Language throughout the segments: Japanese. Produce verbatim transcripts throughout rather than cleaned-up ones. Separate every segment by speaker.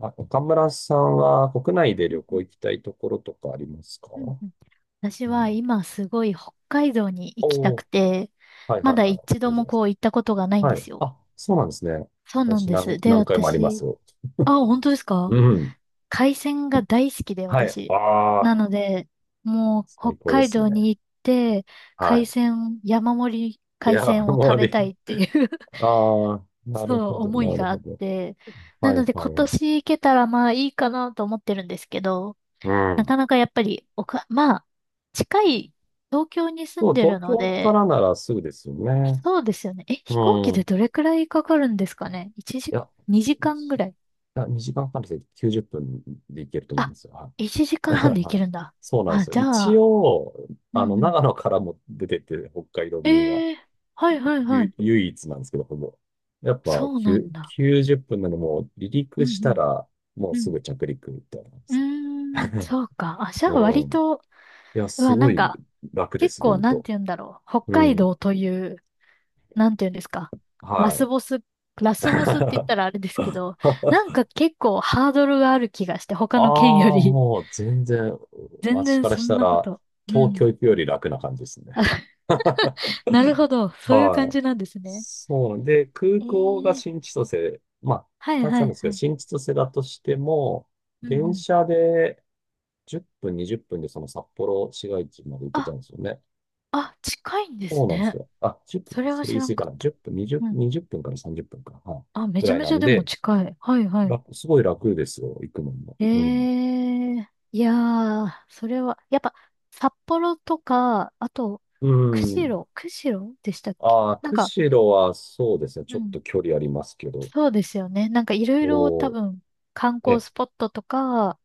Speaker 1: あ、岡村さんは国内で
Speaker 2: う
Speaker 1: 旅
Speaker 2: んう
Speaker 1: 行行
Speaker 2: ん
Speaker 1: きたいところとかありますか？
Speaker 2: うんうん。私
Speaker 1: うん。
Speaker 2: は今すごい北海道に行きた
Speaker 1: お
Speaker 2: く
Speaker 1: ー、
Speaker 2: て、
Speaker 1: はい
Speaker 2: ま
Speaker 1: はい
Speaker 2: だ
Speaker 1: は
Speaker 2: 一
Speaker 1: い。
Speaker 2: 度
Speaker 1: いいじゃ
Speaker 2: も
Speaker 1: ないです
Speaker 2: こう行ったことがない
Speaker 1: か。
Speaker 2: ん
Speaker 1: は
Speaker 2: で
Speaker 1: い。
Speaker 2: すよ。
Speaker 1: あ、そうなんですね。
Speaker 2: そうなん
Speaker 1: 私
Speaker 2: で
Speaker 1: 何、
Speaker 2: す。で、
Speaker 1: 何回もあります
Speaker 2: 私、
Speaker 1: よ。
Speaker 2: あ、本当です
Speaker 1: う
Speaker 2: か？
Speaker 1: ん。
Speaker 2: 海鮮が大好きで、
Speaker 1: はい。
Speaker 2: 私。
Speaker 1: あ
Speaker 2: な
Speaker 1: あ、
Speaker 2: ので、もう北
Speaker 1: 最高で
Speaker 2: 海
Speaker 1: すね。
Speaker 2: 道に行って、海
Speaker 1: は
Speaker 2: 鮮、山盛り
Speaker 1: い。い
Speaker 2: 海
Speaker 1: や、
Speaker 2: 鮮を
Speaker 1: も
Speaker 2: 食
Speaker 1: う
Speaker 2: べ
Speaker 1: り、
Speaker 2: たいっていう
Speaker 1: ああ、なる
Speaker 2: そ
Speaker 1: ほ
Speaker 2: う、
Speaker 1: ど、
Speaker 2: 思い
Speaker 1: なる
Speaker 2: があ
Speaker 1: ほ
Speaker 2: っ
Speaker 1: ど。
Speaker 2: て。な
Speaker 1: はい
Speaker 2: ので
Speaker 1: は
Speaker 2: 今
Speaker 1: い。
Speaker 2: 年行けたらまあいいかなと思ってるんですけど、
Speaker 1: う
Speaker 2: な
Speaker 1: ん。
Speaker 2: かなかやっぱり、おか、まあ、近い東京に住
Speaker 1: そ
Speaker 2: ん
Speaker 1: う、
Speaker 2: でる
Speaker 1: 東
Speaker 2: の
Speaker 1: 京か
Speaker 2: で、
Speaker 1: らならすぐですよね。
Speaker 2: そうですよね。え、
Speaker 1: う
Speaker 2: 飛行機
Speaker 1: ん。
Speaker 2: で
Speaker 1: い
Speaker 2: どれくらいかかるんですかね？ いち 時、
Speaker 1: や、
Speaker 2: にじかん
Speaker 1: 一
Speaker 2: ぐ
Speaker 1: い
Speaker 2: らい。
Speaker 1: や、にじかんはんできゅうじゅっぷんで行けると思い
Speaker 2: あ、
Speaker 1: ますよ。
Speaker 2: いちじかんはんで行
Speaker 1: は
Speaker 2: け
Speaker 1: い。
Speaker 2: るんだ。
Speaker 1: そうなんで
Speaker 2: あ、
Speaker 1: すよ。
Speaker 2: じゃ
Speaker 1: 一
Speaker 2: あ、
Speaker 1: 応、
Speaker 2: うん
Speaker 1: あの、
Speaker 2: うん。
Speaker 1: 長野からも出てて、北海道便は、
Speaker 2: ええ、はいはいは
Speaker 1: ゆ、
Speaker 2: い。
Speaker 1: 唯一なんですけど、ほぼ。やっぱ、
Speaker 2: そう
Speaker 1: き
Speaker 2: な
Speaker 1: ゅ
Speaker 2: んだ。
Speaker 1: きゅうじゅっぷんなので、もう、離
Speaker 2: う
Speaker 1: 陸
Speaker 2: ん
Speaker 1: し
Speaker 2: う
Speaker 1: た
Speaker 2: ん。
Speaker 1: ら、もう
Speaker 2: う
Speaker 1: す
Speaker 2: ん。
Speaker 1: ぐ着陸みたいな感じで
Speaker 2: うー
Speaker 1: すね。
Speaker 2: ん、そうか。あ、じゃあ
Speaker 1: う
Speaker 2: 割
Speaker 1: ん。
Speaker 2: と、
Speaker 1: いや、
Speaker 2: う
Speaker 1: す
Speaker 2: わ、
Speaker 1: ご
Speaker 2: なん
Speaker 1: い
Speaker 2: か、
Speaker 1: 楽で
Speaker 2: 結
Speaker 1: す、
Speaker 2: 構、
Speaker 1: 本
Speaker 2: なん
Speaker 1: 当。
Speaker 2: て言うんだろう。北
Speaker 1: う
Speaker 2: 海
Speaker 1: ん。
Speaker 2: 道という、なんていうんですか。ラ
Speaker 1: は
Speaker 2: スボス、ラ
Speaker 1: い。
Speaker 2: スボスって言った らあれですけど、なんか結構ハードルがある気がして、他の県よ
Speaker 1: ああ、
Speaker 2: り。
Speaker 1: もう、全然、
Speaker 2: 全
Speaker 1: 私
Speaker 2: 然
Speaker 1: から
Speaker 2: そ
Speaker 1: し
Speaker 2: ん
Speaker 1: た
Speaker 2: なこ
Speaker 1: ら、
Speaker 2: と。う
Speaker 1: 東京
Speaker 2: ん。
Speaker 1: 行くより楽な感じです
Speaker 2: あ、
Speaker 1: ね。
Speaker 2: なるほど。そういう感
Speaker 1: はい。
Speaker 2: じなんですね。
Speaker 1: そうなんで、空
Speaker 2: え
Speaker 1: 港が
Speaker 2: え、
Speaker 1: 新千歳、まあ、
Speaker 2: はい
Speaker 1: 二つ
Speaker 2: は
Speaker 1: なん
Speaker 2: い
Speaker 1: ですけ
Speaker 2: は
Speaker 1: ど、
Speaker 2: い。
Speaker 1: 新千歳だとしても、
Speaker 2: うんう
Speaker 1: 電
Speaker 2: ん。
Speaker 1: 車でじゅっぷん、にじゅっぷんでその札幌市街地まで行けちゃ
Speaker 2: あ、
Speaker 1: うんですよね。
Speaker 2: あ、近いんで
Speaker 1: そ
Speaker 2: す
Speaker 1: うなんです
Speaker 2: ね。
Speaker 1: よ。あ、じゅっぷん、
Speaker 2: それは
Speaker 1: それ
Speaker 2: 知
Speaker 1: 言い
Speaker 2: ら
Speaker 1: 過
Speaker 2: ん
Speaker 1: ぎか
Speaker 2: かっ
Speaker 1: な。
Speaker 2: た。
Speaker 1: いっぷん、
Speaker 2: うん。
Speaker 1: にじゅう、分からさんじゅっぷんかな。はい。
Speaker 2: あ、め
Speaker 1: ぐ
Speaker 2: ちゃ
Speaker 1: らい
Speaker 2: め
Speaker 1: な
Speaker 2: ちゃ
Speaker 1: ん
Speaker 2: でも
Speaker 1: で、
Speaker 2: 近い。はいはい。
Speaker 1: 楽、すごい楽ですよ、行くのも。
Speaker 2: え
Speaker 1: うん。
Speaker 2: え、いやー、それは、やっぱ、札幌とか、あと、
Speaker 1: う
Speaker 2: 釧
Speaker 1: ん。
Speaker 2: 路、釧路でしたっけ、
Speaker 1: ああ、
Speaker 2: なんか、
Speaker 1: 釧路はそうですね。ち
Speaker 2: う
Speaker 1: ょっ
Speaker 2: ん、
Speaker 1: と距離ありますけど。
Speaker 2: そうですよね。なんかいろいろ多
Speaker 1: お
Speaker 2: 分、観
Speaker 1: ー
Speaker 2: 光
Speaker 1: え、
Speaker 2: スポットとか、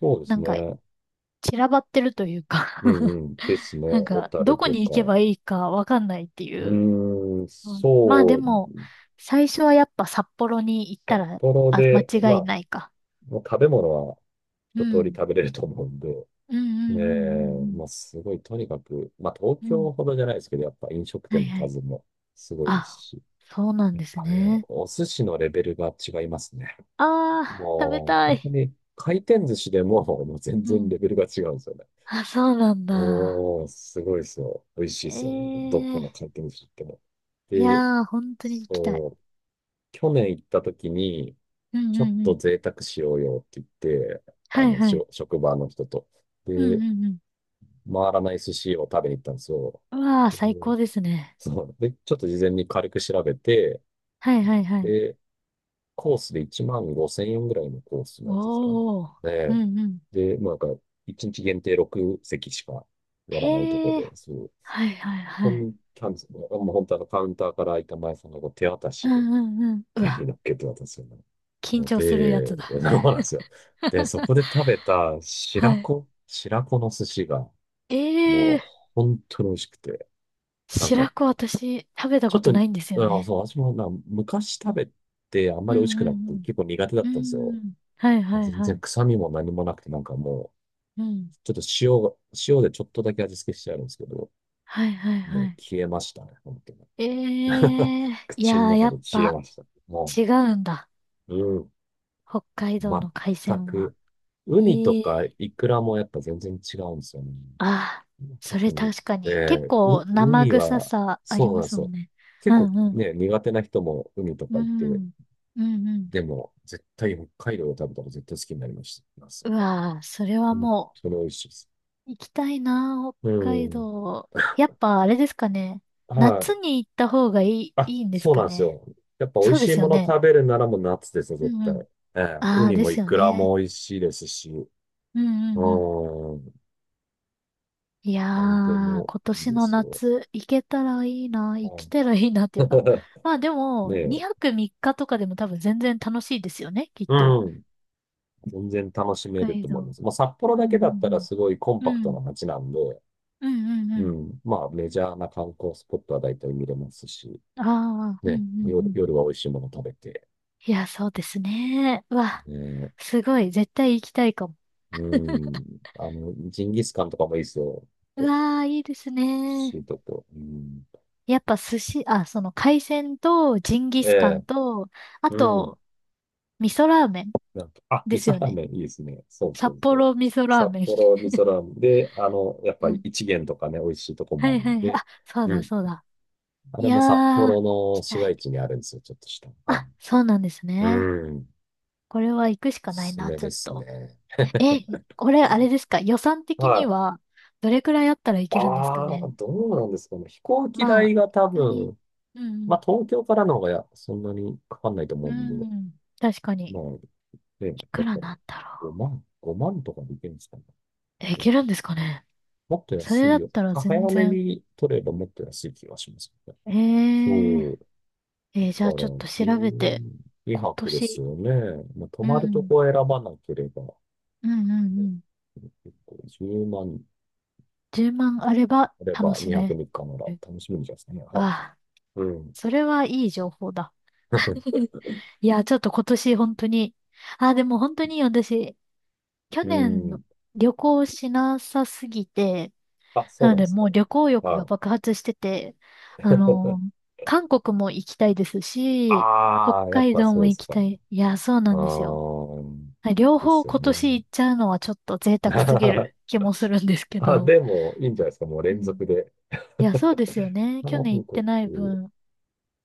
Speaker 1: そうで
Speaker 2: な
Speaker 1: す
Speaker 2: んか
Speaker 1: ね。
Speaker 2: 散らばってるというか
Speaker 1: うん うん。ですね。
Speaker 2: なん
Speaker 1: 小
Speaker 2: か、
Speaker 1: 樽
Speaker 2: どこ
Speaker 1: と
Speaker 2: に
Speaker 1: か。
Speaker 2: 行けばいいかわかんないってい
Speaker 1: う
Speaker 2: う。
Speaker 1: ーん、
Speaker 2: うん、まあで
Speaker 1: そう。
Speaker 2: も、最初はやっぱ札幌に行った
Speaker 1: 札
Speaker 2: ら、
Speaker 1: 幌
Speaker 2: あ、間
Speaker 1: で、ま
Speaker 2: 違い
Speaker 1: あ、
Speaker 2: ないか。
Speaker 1: もう食べ物は
Speaker 2: う
Speaker 1: 一通り
Speaker 2: ん。
Speaker 1: 食べれると思うんで。
Speaker 2: うんう
Speaker 1: ねえ、
Speaker 2: ん
Speaker 1: まあ、すごい、とにかく、まあ、東
Speaker 2: うんうんうん。うん。
Speaker 1: 京ほどじゃないですけど、やっぱ飲食
Speaker 2: はい
Speaker 1: 店の
Speaker 2: はい。
Speaker 1: 数もすごいです
Speaker 2: あ、
Speaker 1: し。
Speaker 2: そうなん
Speaker 1: やっ
Speaker 2: です
Speaker 1: ぱね、
Speaker 2: ね。
Speaker 1: お寿司のレベルが違いますね。
Speaker 2: ああ、食べ
Speaker 1: もう、
Speaker 2: た
Speaker 1: 本当
Speaker 2: い。
Speaker 1: に、回転寿司でも、もう全
Speaker 2: う
Speaker 1: 然
Speaker 2: ん。
Speaker 1: レベルが違うんですよね。
Speaker 2: あ、そうなんだ。
Speaker 1: おー、すごいですよ。美味しいですよ。どこの
Speaker 2: ええ、
Speaker 1: 回転寿司行っても。
Speaker 2: い
Speaker 1: で、
Speaker 2: やー、本当に行きたい。
Speaker 1: そう、去年行った時に、
Speaker 2: うんう
Speaker 1: ちょっ
Speaker 2: んう
Speaker 1: と
Speaker 2: ん。
Speaker 1: 贅沢しようよって言って、
Speaker 2: は
Speaker 1: あ
Speaker 2: い
Speaker 1: の、
Speaker 2: は
Speaker 1: し
Speaker 2: い。
Speaker 1: ょ職場の人と。
Speaker 2: うん
Speaker 1: で、
Speaker 2: うんうん。
Speaker 1: 回らない寿司を食べに行ったんですよ。
Speaker 2: うわー、
Speaker 1: う
Speaker 2: 最高
Speaker 1: ん、
Speaker 2: ですね。
Speaker 1: そう。で、ちょっと事前に軽く調べて、
Speaker 2: はいはいはい。
Speaker 1: で、コースでいちまんごせん円ぐらいのコースのやつですかね。
Speaker 2: おー。う
Speaker 1: で、
Speaker 2: んうん。
Speaker 1: で、もうなんか、いちにち限定ろく席しかやらないとこ
Speaker 2: へえ。
Speaker 1: で、そう。
Speaker 2: はいはい
Speaker 1: こ
Speaker 2: は
Speaker 1: こに
Speaker 2: い。
Speaker 1: 行ったんですよ。もう本当あのカウンターから開いた前さんがこう手渡
Speaker 2: う
Speaker 1: しで、
Speaker 2: んうんうん。う
Speaker 1: 手に
Speaker 2: わ、
Speaker 1: 乗っけて渡すよね。
Speaker 2: 緊
Speaker 1: の
Speaker 2: 張するやつ
Speaker 1: で、
Speaker 2: だ。
Speaker 1: そうなんですよ。で、そこ で食べた
Speaker 2: は
Speaker 1: 白
Speaker 2: い。
Speaker 1: 子、白子の寿司が、も
Speaker 2: ええ、
Speaker 1: う、本当に美味しくて、なんか、
Speaker 2: 白子私、食べた
Speaker 1: ちょ
Speaker 2: こ
Speaker 1: っと、
Speaker 2: とないんですよ
Speaker 1: あ、
Speaker 2: ね。
Speaker 1: そう、私もな、昔食べてあんま
Speaker 2: う
Speaker 1: り美味し
Speaker 2: ん
Speaker 1: く
Speaker 2: う
Speaker 1: なくて、
Speaker 2: ん
Speaker 1: 結構苦手だ
Speaker 2: う
Speaker 1: ったんです
Speaker 2: ん。う
Speaker 1: よ。
Speaker 2: ん。はい
Speaker 1: まあ
Speaker 2: はい
Speaker 1: 全
Speaker 2: は
Speaker 1: 然
Speaker 2: い。
Speaker 1: 臭みも何もなくて、なんかもう、
Speaker 2: うん。
Speaker 1: ちょっと塩が、塩でちょっとだけ味付けしてあるんですけど、
Speaker 2: はいはい
Speaker 1: も
Speaker 2: は
Speaker 1: う
Speaker 2: い。
Speaker 1: 消えましたね、本当に。
Speaker 2: え え、い
Speaker 1: 口
Speaker 2: やー、
Speaker 1: の
Speaker 2: や
Speaker 1: 中
Speaker 2: っ
Speaker 1: で消え
Speaker 2: ぱ
Speaker 1: ました。も
Speaker 2: 違うんだ。
Speaker 1: う、うん。
Speaker 2: 北海道の海
Speaker 1: 全
Speaker 2: 鮮は。
Speaker 1: く。ウニと
Speaker 2: え
Speaker 1: か
Speaker 2: え、
Speaker 1: イクラもやっぱ全然違うんですよね。
Speaker 2: ああ、そ
Speaker 1: 特
Speaker 2: れ
Speaker 1: に。
Speaker 2: 確か
Speaker 1: え
Speaker 2: に。結
Speaker 1: え
Speaker 2: 構
Speaker 1: ウ、ウ
Speaker 2: 生
Speaker 1: ニ
Speaker 2: 臭
Speaker 1: は、
Speaker 2: さあり
Speaker 1: そうな
Speaker 2: ま
Speaker 1: んで
Speaker 2: す
Speaker 1: す
Speaker 2: もん
Speaker 1: よ。
Speaker 2: ね。
Speaker 1: 結
Speaker 2: う
Speaker 1: 構
Speaker 2: んうん。
Speaker 1: ね、苦手な人もウニと
Speaker 2: う
Speaker 1: かいて、
Speaker 2: ん。うんうん。
Speaker 1: でも、絶対北海道で食べたら絶対好きになりました。ます
Speaker 2: うわー、それは
Speaker 1: 本
Speaker 2: も
Speaker 1: 当に美味しいです。
Speaker 2: う行きたいなー、
Speaker 1: う
Speaker 2: 北海
Speaker 1: ん。
Speaker 2: 道。やっぱあれですかね。
Speaker 1: は
Speaker 2: 夏
Speaker 1: い。
Speaker 2: に行った方がいい、
Speaker 1: あ、
Speaker 2: いいんです
Speaker 1: そう
Speaker 2: か
Speaker 1: なんです
Speaker 2: ね。
Speaker 1: よ。やっぱ美味
Speaker 2: そうで
Speaker 1: しい
Speaker 2: すよ
Speaker 1: もの
Speaker 2: ね。
Speaker 1: 食べるならもう夏ですよ、
Speaker 2: う
Speaker 1: 絶
Speaker 2: んうん。
Speaker 1: 対。ええ、ウ
Speaker 2: ああ、
Speaker 1: ニ
Speaker 2: で
Speaker 1: も
Speaker 2: す
Speaker 1: イ
Speaker 2: よ
Speaker 1: クラ
Speaker 2: ね。
Speaker 1: も美味しいですし、
Speaker 2: うんう
Speaker 1: う
Speaker 2: んうん。
Speaker 1: ん。
Speaker 2: いや
Speaker 1: なんで
Speaker 2: ー、
Speaker 1: も
Speaker 2: 今
Speaker 1: いい
Speaker 2: 年
Speaker 1: で
Speaker 2: の
Speaker 1: すよ。
Speaker 2: 夏、行けたらいいな、行
Speaker 1: は
Speaker 2: きたらいいなっていうか。
Speaker 1: い。
Speaker 2: まあで も、
Speaker 1: ねえ、
Speaker 2: にはくみっかとかでも多分全然楽しいですよね、きっと。
Speaker 1: うん。全然楽しめ
Speaker 2: 北
Speaker 1: る
Speaker 2: 海
Speaker 1: と思いま
Speaker 2: 道。
Speaker 1: す。まあ、札幌
Speaker 2: うん
Speaker 1: だけだ
Speaker 2: う
Speaker 1: ったら
Speaker 2: ん
Speaker 1: すごいコン
Speaker 2: う
Speaker 1: パ
Speaker 2: ん。
Speaker 1: ク
Speaker 2: う
Speaker 1: トな
Speaker 2: ん。
Speaker 1: 街なんで、
Speaker 2: うんうんう
Speaker 1: う
Speaker 2: ん。
Speaker 1: ん。まあ、メジャーな観光スポットは大体見れますし、
Speaker 2: ああ、うんうんう
Speaker 1: ね、夜、
Speaker 2: ん。
Speaker 1: 夜は美味しいもの食べて、
Speaker 2: いや、そうですね。うわ、
Speaker 1: ね、
Speaker 2: すごい、絶対行きたいかも。
Speaker 1: うん。あの、ジンギスカンとかもいいですよ。
Speaker 2: う
Speaker 1: と、
Speaker 2: わー、いいですね。
Speaker 1: シートと、うん。
Speaker 2: やっぱ寿司、あ、その海鮮とジンギ
Speaker 1: え
Speaker 2: スカン
Speaker 1: え、
Speaker 2: と、あ
Speaker 1: うん。
Speaker 2: と、味噌ラーメン
Speaker 1: なんか、あ、
Speaker 2: で
Speaker 1: 味
Speaker 2: す
Speaker 1: 噌
Speaker 2: よ
Speaker 1: ラー
Speaker 2: ね。
Speaker 1: メンいいですね。そうそ
Speaker 2: 札
Speaker 1: うそう。
Speaker 2: 幌味噌ラー
Speaker 1: 札
Speaker 2: メン。
Speaker 1: 幌味噌ラーメンで、あの、やっぱり 一元とかね、美味しいとこ
Speaker 2: は
Speaker 1: もある
Speaker 2: いは
Speaker 1: ん
Speaker 2: いはい。
Speaker 1: で、
Speaker 2: あ、そう
Speaker 1: う
Speaker 2: だ
Speaker 1: ん。
Speaker 2: そうだ。
Speaker 1: あ
Speaker 2: い
Speaker 1: れ
Speaker 2: や
Speaker 1: も札
Speaker 2: ー、行
Speaker 1: 幌の
Speaker 2: き
Speaker 1: 市
Speaker 2: た
Speaker 1: 街
Speaker 2: い。
Speaker 1: 地にあるんですよ、ちょっとした。はい。
Speaker 2: あ、そうなんです
Speaker 1: う
Speaker 2: ね。
Speaker 1: ん。
Speaker 2: これは行くし
Speaker 1: お
Speaker 2: かな
Speaker 1: す
Speaker 2: い
Speaker 1: す
Speaker 2: な、
Speaker 1: め
Speaker 2: ちょ
Speaker 1: で
Speaker 2: っ
Speaker 1: す
Speaker 2: と。
Speaker 1: ね。
Speaker 2: え、これあれですか、予算的に
Speaker 1: は
Speaker 2: は、どれくらいあったらい
Speaker 1: い。
Speaker 2: けるんですか
Speaker 1: ああ、
Speaker 2: ね？
Speaker 1: どうなんですかね。飛行機
Speaker 2: まあ、
Speaker 1: 代が多
Speaker 2: 本当に、
Speaker 1: 分、
Speaker 2: う
Speaker 1: ま
Speaker 2: ん
Speaker 1: あ東京からの方がやそんなにかかんないと
Speaker 2: う
Speaker 1: 思うん
Speaker 2: ん、
Speaker 1: で、
Speaker 2: うん、確か
Speaker 1: ま
Speaker 2: に。
Speaker 1: あ、ね、
Speaker 2: い
Speaker 1: だ
Speaker 2: く
Speaker 1: か
Speaker 2: ら
Speaker 1: ら
Speaker 2: なんだろ
Speaker 1: ごまん、ごまんとかでいけるんですかね。
Speaker 2: う。え、い
Speaker 1: うん、
Speaker 2: けるんですかね？
Speaker 1: もっと
Speaker 2: そ
Speaker 1: 安
Speaker 2: れ
Speaker 1: い
Speaker 2: だっ
Speaker 1: よ。
Speaker 2: たら
Speaker 1: は
Speaker 2: 全
Speaker 1: 早め
Speaker 2: 然。
Speaker 1: に取ればもっと安い気がしますね。
Speaker 2: えー、
Speaker 1: そう。だ
Speaker 2: えーじゃ
Speaker 1: か
Speaker 2: あちょっ
Speaker 1: ら
Speaker 2: と調べて、
Speaker 1: 12
Speaker 2: 今
Speaker 1: 泊です
Speaker 2: 年、
Speaker 1: よね。まあ、泊
Speaker 2: う
Speaker 1: まると
Speaker 2: ん、
Speaker 1: こを選ばなければ。
Speaker 2: うんうんうん。
Speaker 1: 結構じゅうまん
Speaker 2: じゅうまんあれば
Speaker 1: あれ
Speaker 2: 楽
Speaker 1: ば
Speaker 2: し
Speaker 1: にはく
Speaker 2: め。
Speaker 1: みっかなら
Speaker 2: る、
Speaker 1: 楽しみにですね。は
Speaker 2: ああ、
Speaker 1: い。うん。
Speaker 2: それはいい情報だ。いや、ちょっと今年本当に、あ、でも本当に私、去
Speaker 1: う
Speaker 2: 年の
Speaker 1: ん。
Speaker 2: 旅行しなさすぎて、
Speaker 1: あ、そ
Speaker 2: な
Speaker 1: う
Speaker 2: の
Speaker 1: なんで
Speaker 2: で
Speaker 1: す
Speaker 2: も
Speaker 1: か。
Speaker 2: う旅行欲が
Speaker 1: は
Speaker 2: 爆発してて、
Speaker 1: い。
Speaker 2: あの、韓国も行きたいですし、北
Speaker 1: ああ、やっ
Speaker 2: 海
Speaker 1: ぱ
Speaker 2: 道
Speaker 1: そう
Speaker 2: も
Speaker 1: で
Speaker 2: 行
Speaker 1: す
Speaker 2: き
Speaker 1: か。
Speaker 2: たい。いや、そう
Speaker 1: あ
Speaker 2: なんですよ。
Speaker 1: あ、
Speaker 2: 両
Speaker 1: で
Speaker 2: 方
Speaker 1: すよ
Speaker 2: 今
Speaker 1: ね。
Speaker 2: 年行っちゃうのはちょっと贅沢すぎる 気もするんですけ
Speaker 1: あ、
Speaker 2: ど。
Speaker 1: でも、いいんじゃないですか。もう
Speaker 2: う
Speaker 1: 連
Speaker 2: ん。
Speaker 1: 続で。
Speaker 2: いや、そうですよ ね。去
Speaker 1: 韓
Speaker 2: 年行って
Speaker 1: 国、
Speaker 2: ない分。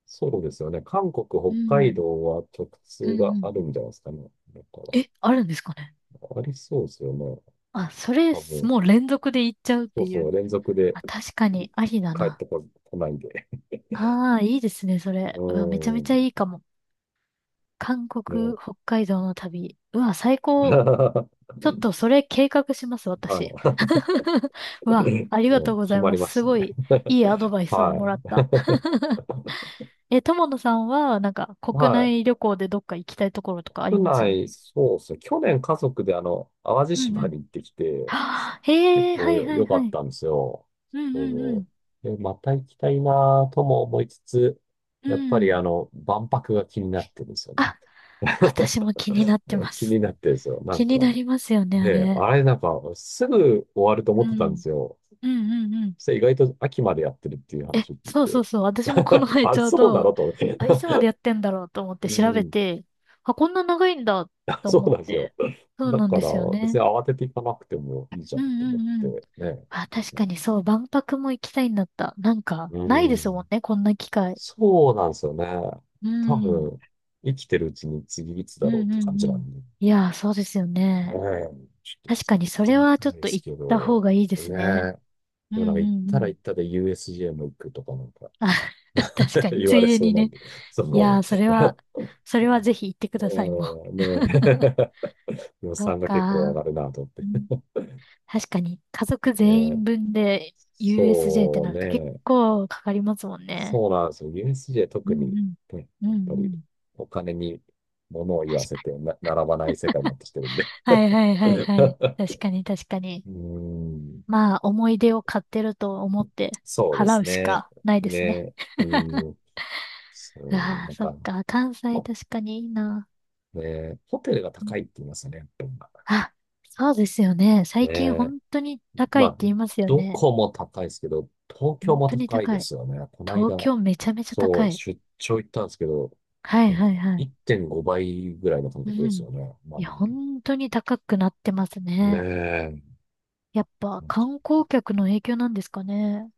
Speaker 1: そうですよね。韓国、
Speaker 2: う
Speaker 1: 北海
Speaker 2: ん。
Speaker 1: 道は直
Speaker 2: う
Speaker 1: 通
Speaker 2: ん
Speaker 1: が
Speaker 2: う
Speaker 1: あ
Speaker 2: ん。
Speaker 1: るんじゃないですかね。だから、
Speaker 2: え、あるんですかね？
Speaker 1: ありそうですよね。
Speaker 2: あ、それ、
Speaker 1: 多分。
Speaker 2: もう連続で行っちゃうっ
Speaker 1: そ
Speaker 2: て
Speaker 1: う
Speaker 2: い
Speaker 1: そう、
Speaker 2: う。
Speaker 1: 連続で
Speaker 2: あ、確か
Speaker 1: い
Speaker 2: に、ありだ
Speaker 1: 帰っ
Speaker 2: な。
Speaker 1: てこ、来ないんで。
Speaker 2: ああ、いいですね、そ
Speaker 1: う
Speaker 2: れ。うわ、めちゃめちゃ
Speaker 1: ん。
Speaker 2: いいかも。韓国、
Speaker 1: ね。
Speaker 2: 北海道の旅。うわ、最 高。
Speaker 1: は
Speaker 2: ちょっと、それ計画します、私。うわ、
Speaker 1: い。
Speaker 2: ありが
Speaker 1: う
Speaker 2: と
Speaker 1: ん、
Speaker 2: うご
Speaker 1: 決
Speaker 2: ざい
Speaker 1: ま
Speaker 2: ま
Speaker 1: りま
Speaker 2: す。
Speaker 1: し
Speaker 2: す
Speaker 1: た
Speaker 2: ご
Speaker 1: ね。
Speaker 2: い、いいアドバイスを
Speaker 1: は
Speaker 2: もらった。
Speaker 1: い。
Speaker 2: え、友野さんは、なんか、国
Speaker 1: はい。
Speaker 2: 内旅行でどっか行きたいところとかあり
Speaker 1: 国
Speaker 2: ます？
Speaker 1: 内、そうですね。去年家族であの、淡路
Speaker 2: うんう
Speaker 1: 島
Speaker 2: ん。
Speaker 1: に行ってきて、
Speaker 2: はあ、へ
Speaker 1: 結
Speaker 2: え、は
Speaker 1: 構
Speaker 2: い
Speaker 1: よ
Speaker 2: はい
Speaker 1: 良か
Speaker 2: は
Speaker 1: っ
Speaker 2: い。
Speaker 1: たんですよ
Speaker 2: うん
Speaker 1: ね。
Speaker 2: うんう
Speaker 1: そ
Speaker 2: ん。
Speaker 1: うで、また行きたいなぁとも思いつつ、
Speaker 2: う
Speaker 1: やっぱり
Speaker 2: ん。
Speaker 1: あの、万博が気になってるんですよね。
Speaker 2: あ、私も気になって ま
Speaker 1: 気
Speaker 2: す。
Speaker 1: になってるんですよ。な
Speaker 2: 気
Speaker 1: ん
Speaker 2: にな
Speaker 1: か、
Speaker 2: りますよね、あ
Speaker 1: ね、
Speaker 2: れ。
Speaker 1: あれなんか、すぐ終わると思
Speaker 2: う
Speaker 1: ってたんで
Speaker 2: ん。
Speaker 1: すよ。
Speaker 2: うんうんうん。
Speaker 1: そして意外と秋までやってるっていう
Speaker 2: え、
Speaker 1: 話を聞い
Speaker 2: そうそ
Speaker 1: て。
Speaker 2: うそう。私もこの 前
Speaker 1: あれ、
Speaker 2: ちょう
Speaker 1: そうな
Speaker 2: ど、
Speaker 1: のと思って。
Speaker 2: あ、いつまでやってんだろうと思って
Speaker 1: う
Speaker 2: 調べ
Speaker 1: ん。
Speaker 2: て、あ、こんな長いんだ と
Speaker 1: そ
Speaker 2: 思
Speaker 1: う
Speaker 2: っ
Speaker 1: なんですよ。
Speaker 2: て。そう
Speaker 1: だ
Speaker 2: なん
Speaker 1: か
Speaker 2: で
Speaker 1: ら、
Speaker 2: すよ
Speaker 1: 別
Speaker 2: ね。
Speaker 1: に慌てていかなくてもいいじゃ
Speaker 2: う
Speaker 1: ん
Speaker 2: ん
Speaker 1: と
Speaker 2: う
Speaker 1: 思っ
Speaker 2: んうん。
Speaker 1: て、ね。
Speaker 2: あ、
Speaker 1: なん
Speaker 2: 確か
Speaker 1: か、
Speaker 2: にそう、万博も行きたいんだった。なんか、
Speaker 1: う
Speaker 2: ないですもん
Speaker 1: ん。
Speaker 2: ね、こんな機会。
Speaker 1: そうなんですよね。
Speaker 2: う
Speaker 1: 多
Speaker 2: ん。
Speaker 1: 分、生きてるうちに次いつ
Speaker 2: う
Speaker 1: だろ
Speaker 2: ん
Speaker 1: うって
Speaker 2: う
Speaker 1: 感
Speaker 2: ん
Speaker 1: じ
Speaker 2: う
Speaker 1: なん
Speaker 2: ん。
Speaker 1: で。ね
Speaker 2: いやー、そうですよ
Speaker 1: え、
Speaker 2: ね。
Speaker 1: ちょっと行っ
Speaker 2: 確かにそ
Speaker 1: て
Speaker 2: れ
Speaker 1: み
Speaker 2: はちょ
Speaker 1: た
Speaker 2: っ
Speaker 1: いで
Speaker 2: と
Speaker 1: す
Speaker 2: 行っ
Speaker 1: け
Speaker 2: た方
Speaker 1: ど、
Speaker 2: がいいです
Speaker 1: ね
Speaker 2: ね。
Speaker 1: え。
Speaker 2: う
Speaker 1: でもなん
Speaker 2: ん
Speaker 1: か
Speaker 2: う
Speaker 1: 行っ
Speaker 2: んう
Speaker 1: たら
Speaker 2: ん。
Speaker 1: 行ったで ユーエスジェー も行くとかなんか
Speaker 2: あ、確 かに、
Speaker 1: 言
Speaker 2: つ
Speaker 1: わ
Speaker 2: い
Speaker 1: れ
Speaker 2: で
Speaker 1: そう
Speaker 2: に
Speaker 1: なん
Speaker 2: ね。
Speaker 1: で、そ
Speaker 2: いや
Speaker 1: の、
Speaker 2: ー、それは、それはぜひ行ってく ださい、もう。
Speaker 1: うん、ね え。予
Speaker 2: そう
Speaker 1: 算が結構上
Speaker 2: か。
Speaker 1: がるなと思っ
Speaker 2: う
Speaker 1: て。
Speaker 2: ん、
Speaker 1: ね
Speaker 2: 確かに、家族全員
Speaker 1: え、
Speaker 2: 分で ユーエスジェー って
Speaker 1: そう
Speaker 2: なると結
Speaker 1: ね。
Speaker 2: 構かかりますもんね。
Speaker 1: そうなんですよ。ユーエスジェー
Speaker 2: う
Speaker 1: 特
Speaker 2: ん
Speaker 1: に、
Speaker 2: うん。
Speaker 1: ね、
Speaker 2: うん
Speaker 1: やっ
Speaker 2: う
Speaker 1: ぱり
Speaker 2: ん。
Speaker 1: お金に物を言
Speaker 2: 確
Speaker 1: わせ
Speaker 2: かに。
Speaker 1: てな並ばない世界になってきてるんで。
Speaker 2: はいはい はいはい。確
Speaker 1: う
Speaker 2: かに確かに。
Speaker 1: ーん、
Speaker 2: まあ、思い出を買ってると思って
Speaker 1: そうで
Speaker 2: 払
Speaker 1: す
Speaker 2: うし
Speaker 1: ね。
Speaker 2: かないですね。
Speaker 1: ね、うん、そう、
Speaker 2: ああ、
Speaker 1: なん
Speaker 2: そっ
Speaker 1: か、
Speaker 2: か。関西
Speaker 1: ほ
Speaker 2: 確かにいいな。
Speaker 1: ね、ホテルが
Speaker 2: うん、
Speaker 1: 高いって言いますよね、やっぱり今
Speaker 2: あ、そうですよね。最近
Speaker 1: ね。
Speaker 2: 本当に高
Speaker 1: ま
Speaker 2: いって
Speaker 1: あ、
Speaker 2: 言いますよ
Speaker 1: ど
Speaker 2: ね。
Speaker 1: こも高いですけど、東京
Speaker 2: 本
Speaker 1: も
Speaker 2: 当に
Speaker 1: 高い
Speaker 2: 高
Speaker 1: で
Speaker 2: い。
Speaker 1: すよね。この
Speaker 2: 東
Speaker 1: 間、
Speaker 2: 京めちゃめちゃ
Speaker 1: そ
Speaker 2: 高
Speaker 1: う、
Speaker 2: い。
Speaker 1: 出張行ったんですけど、
Speaker 2: はい
Speaker 1: なん
Speaker 2: は
Speaker 1: か
Speaker 2: いはい。
Speaker 1: いってんごばいぐらいの感
Speaker 2: う
Speaker 1: 覚です
Speaker 2: ん。
Speaker 1: よね。
Speaker 2: い
Speaker 1: 前よ、
Speaker 2: や、本当に高くなってます
Speaker 1: ね
Speaker 2: ね。
Speaker 1: え。
Speaker 2: やっぱ
Speaker 1: 本
Speaker 2: 観
Speaker 1: 当
Speaker 2: 光
Speaker 1: に
Speaker 2: 客の影響なんですかね。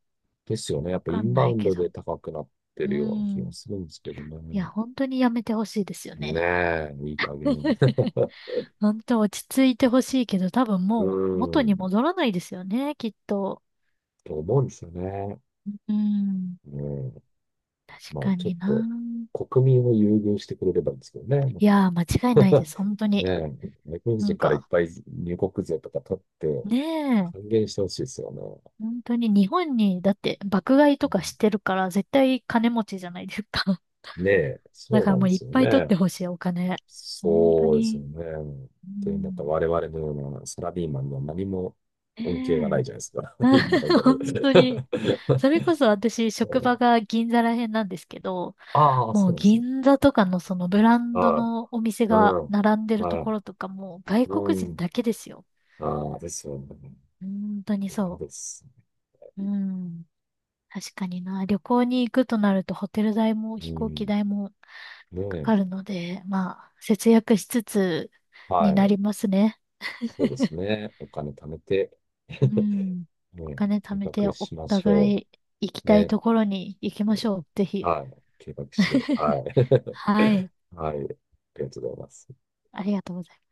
Speaker 1: ですよね。や
Speaker 2: わ
Speaker 1: っぱイ
Speaker 2: かん
Speaker 1: ンバ
Speaker 2: な
Speaker 1: ウ
Speaker 2: い
Speaker 1: ン
Speaker 2: け
Speaker 1: ドで
Speaker 2: ど。
Speaker 1: 高くなって
Speaker 2: う
Speaker 1: るような気が
Speaker 2: ん。
Speaker 1: するんですけど
Speaker 2: いや、
Speaker 1: ね。
Speaker 2: 本当にやめてほしいですよ
Speaker 1: ね
Speaker 2: ね。
Speaker 1: え、いい加減。
Speaker 2: 本当落ち着いてほしいけど、多分
Speaker 1: う
Speaker 2: もう元
Speaker 1: ー
Speaker 2: に
Speaker 1: ん、
Speaker 2: 戻らないですよね、きっと。
Speaker 1: と思うんですよね。
Speaker 2: うん。
Speaker 1: う
Speaker 2: 確
Speaker 1: まあ、
Speaker 2: か
Speaker 1: ちょっ
Speaker 2: にな。
Speaker 1: と、国民を優遇してくれればいいんですけどね。
Speaker 2: いやー、間違いないです、本当
Speaker 1: ね
Speaker 2: に。
Speaker 1: え、外国
Speaker 2: なん
Speaker 1: 人からいっ
Speaker 2: か、
Speaker 1: ぱい入国税とか取って
Speaker 2: ねえ。
Speaker 1: 還元してほしいですよね。
Speaker 2: 本当に日本に、だって爆買い
Speaker 1: う
Speaker 2: とかし
Speaker 1: ん、
Speaker 2: てるから絶対金持ちじゃないですか。
Speaker 1: ねえ、
Speaker 2: だ
Speaker 1: そう
Speaker 2: から
Speaker 1: なん
Speaker 2: も
Speaker 1: で
Speaker 2: うい
Speaker 1: す
Speaker 2: っ
Speaker 1: よ
Speaker 2: ぱい取って
Speaker 1: ね。
Speaker 2: ほしい、お金。本当
Speaker 1: そうですよ
Speaker 2: に。
Speaker 1: ね。
Speaker 2: う
Speaker 1: というなんか
Speaker 2: ん。
Speaker 1: 我々のようなサラリーマンには何も恩恵がない
Speaker 2: ね
Speaker 1: じ
Speaker 2: え。
Speaker 1: ゃないですか。今の ところ。
Speaker 2: 本当に。それこそ私、職場が銀座ら辺なんですけど、
Speaker 1: ああ、
Speaker 2: も
Speaker 1: そ
Speaker 2: う
Speaker 1: うなんですね。
Speaker 2: 銀座とかのそのブランド
Speaker 1: ああ、
Speaker 2: のお店が
Speaker 1: うん。
Speaker 2: 並んでると
Speaker 1: は
Speaker 2: こ
Speaker 1: い。
Speaker 2: ろとかもう外
Speaker 1: う
Speaker 2: 国人
Speaker 1: ん。
Speaker 2: だけですよ。
Speaker 1: ああ、ですよね。
Speaker 2: 本当に
Speaker 1: 嫌
Speaker 2: そ
Speaker 1: です。
Speaker 2: う。うん。確かにな。旅行に行くとなるとホテル代も
Speaker 1: う
Speaker 2: 飛行機
Speaker 1: ん。
Speaker 2: 代も
Speaker 1: ね
Speaker 2: か
Speaker 1: え。
Speaker 2: かるので、まあ、節約しつつ
Speaker 1: は
Speaker 2: にな
Speaker 1: い。
Speaker 2: りますね。
Speaker 1: そうです ね。お金貯めて。
Speaker 2: うん。お
Speaker 1: うん、
Speaker 2: 金貯
Speaker 1: 計
Speaker 2: めて
Speaker 1: 画
Speaker 2: お
Speaker 1: しましょ
Speaker 2: 互い行き
Speaker 1: う。
Speaker 2: たい
Speaker 1: ね。
Speaker 2: ところに行きましょう。ぜひ。
Speaker 1: はい。計画して。はい。
Speaker 2: はい。
Speaker 1: はい。ありがとうございます。
Speaker 2: ありがとうございます。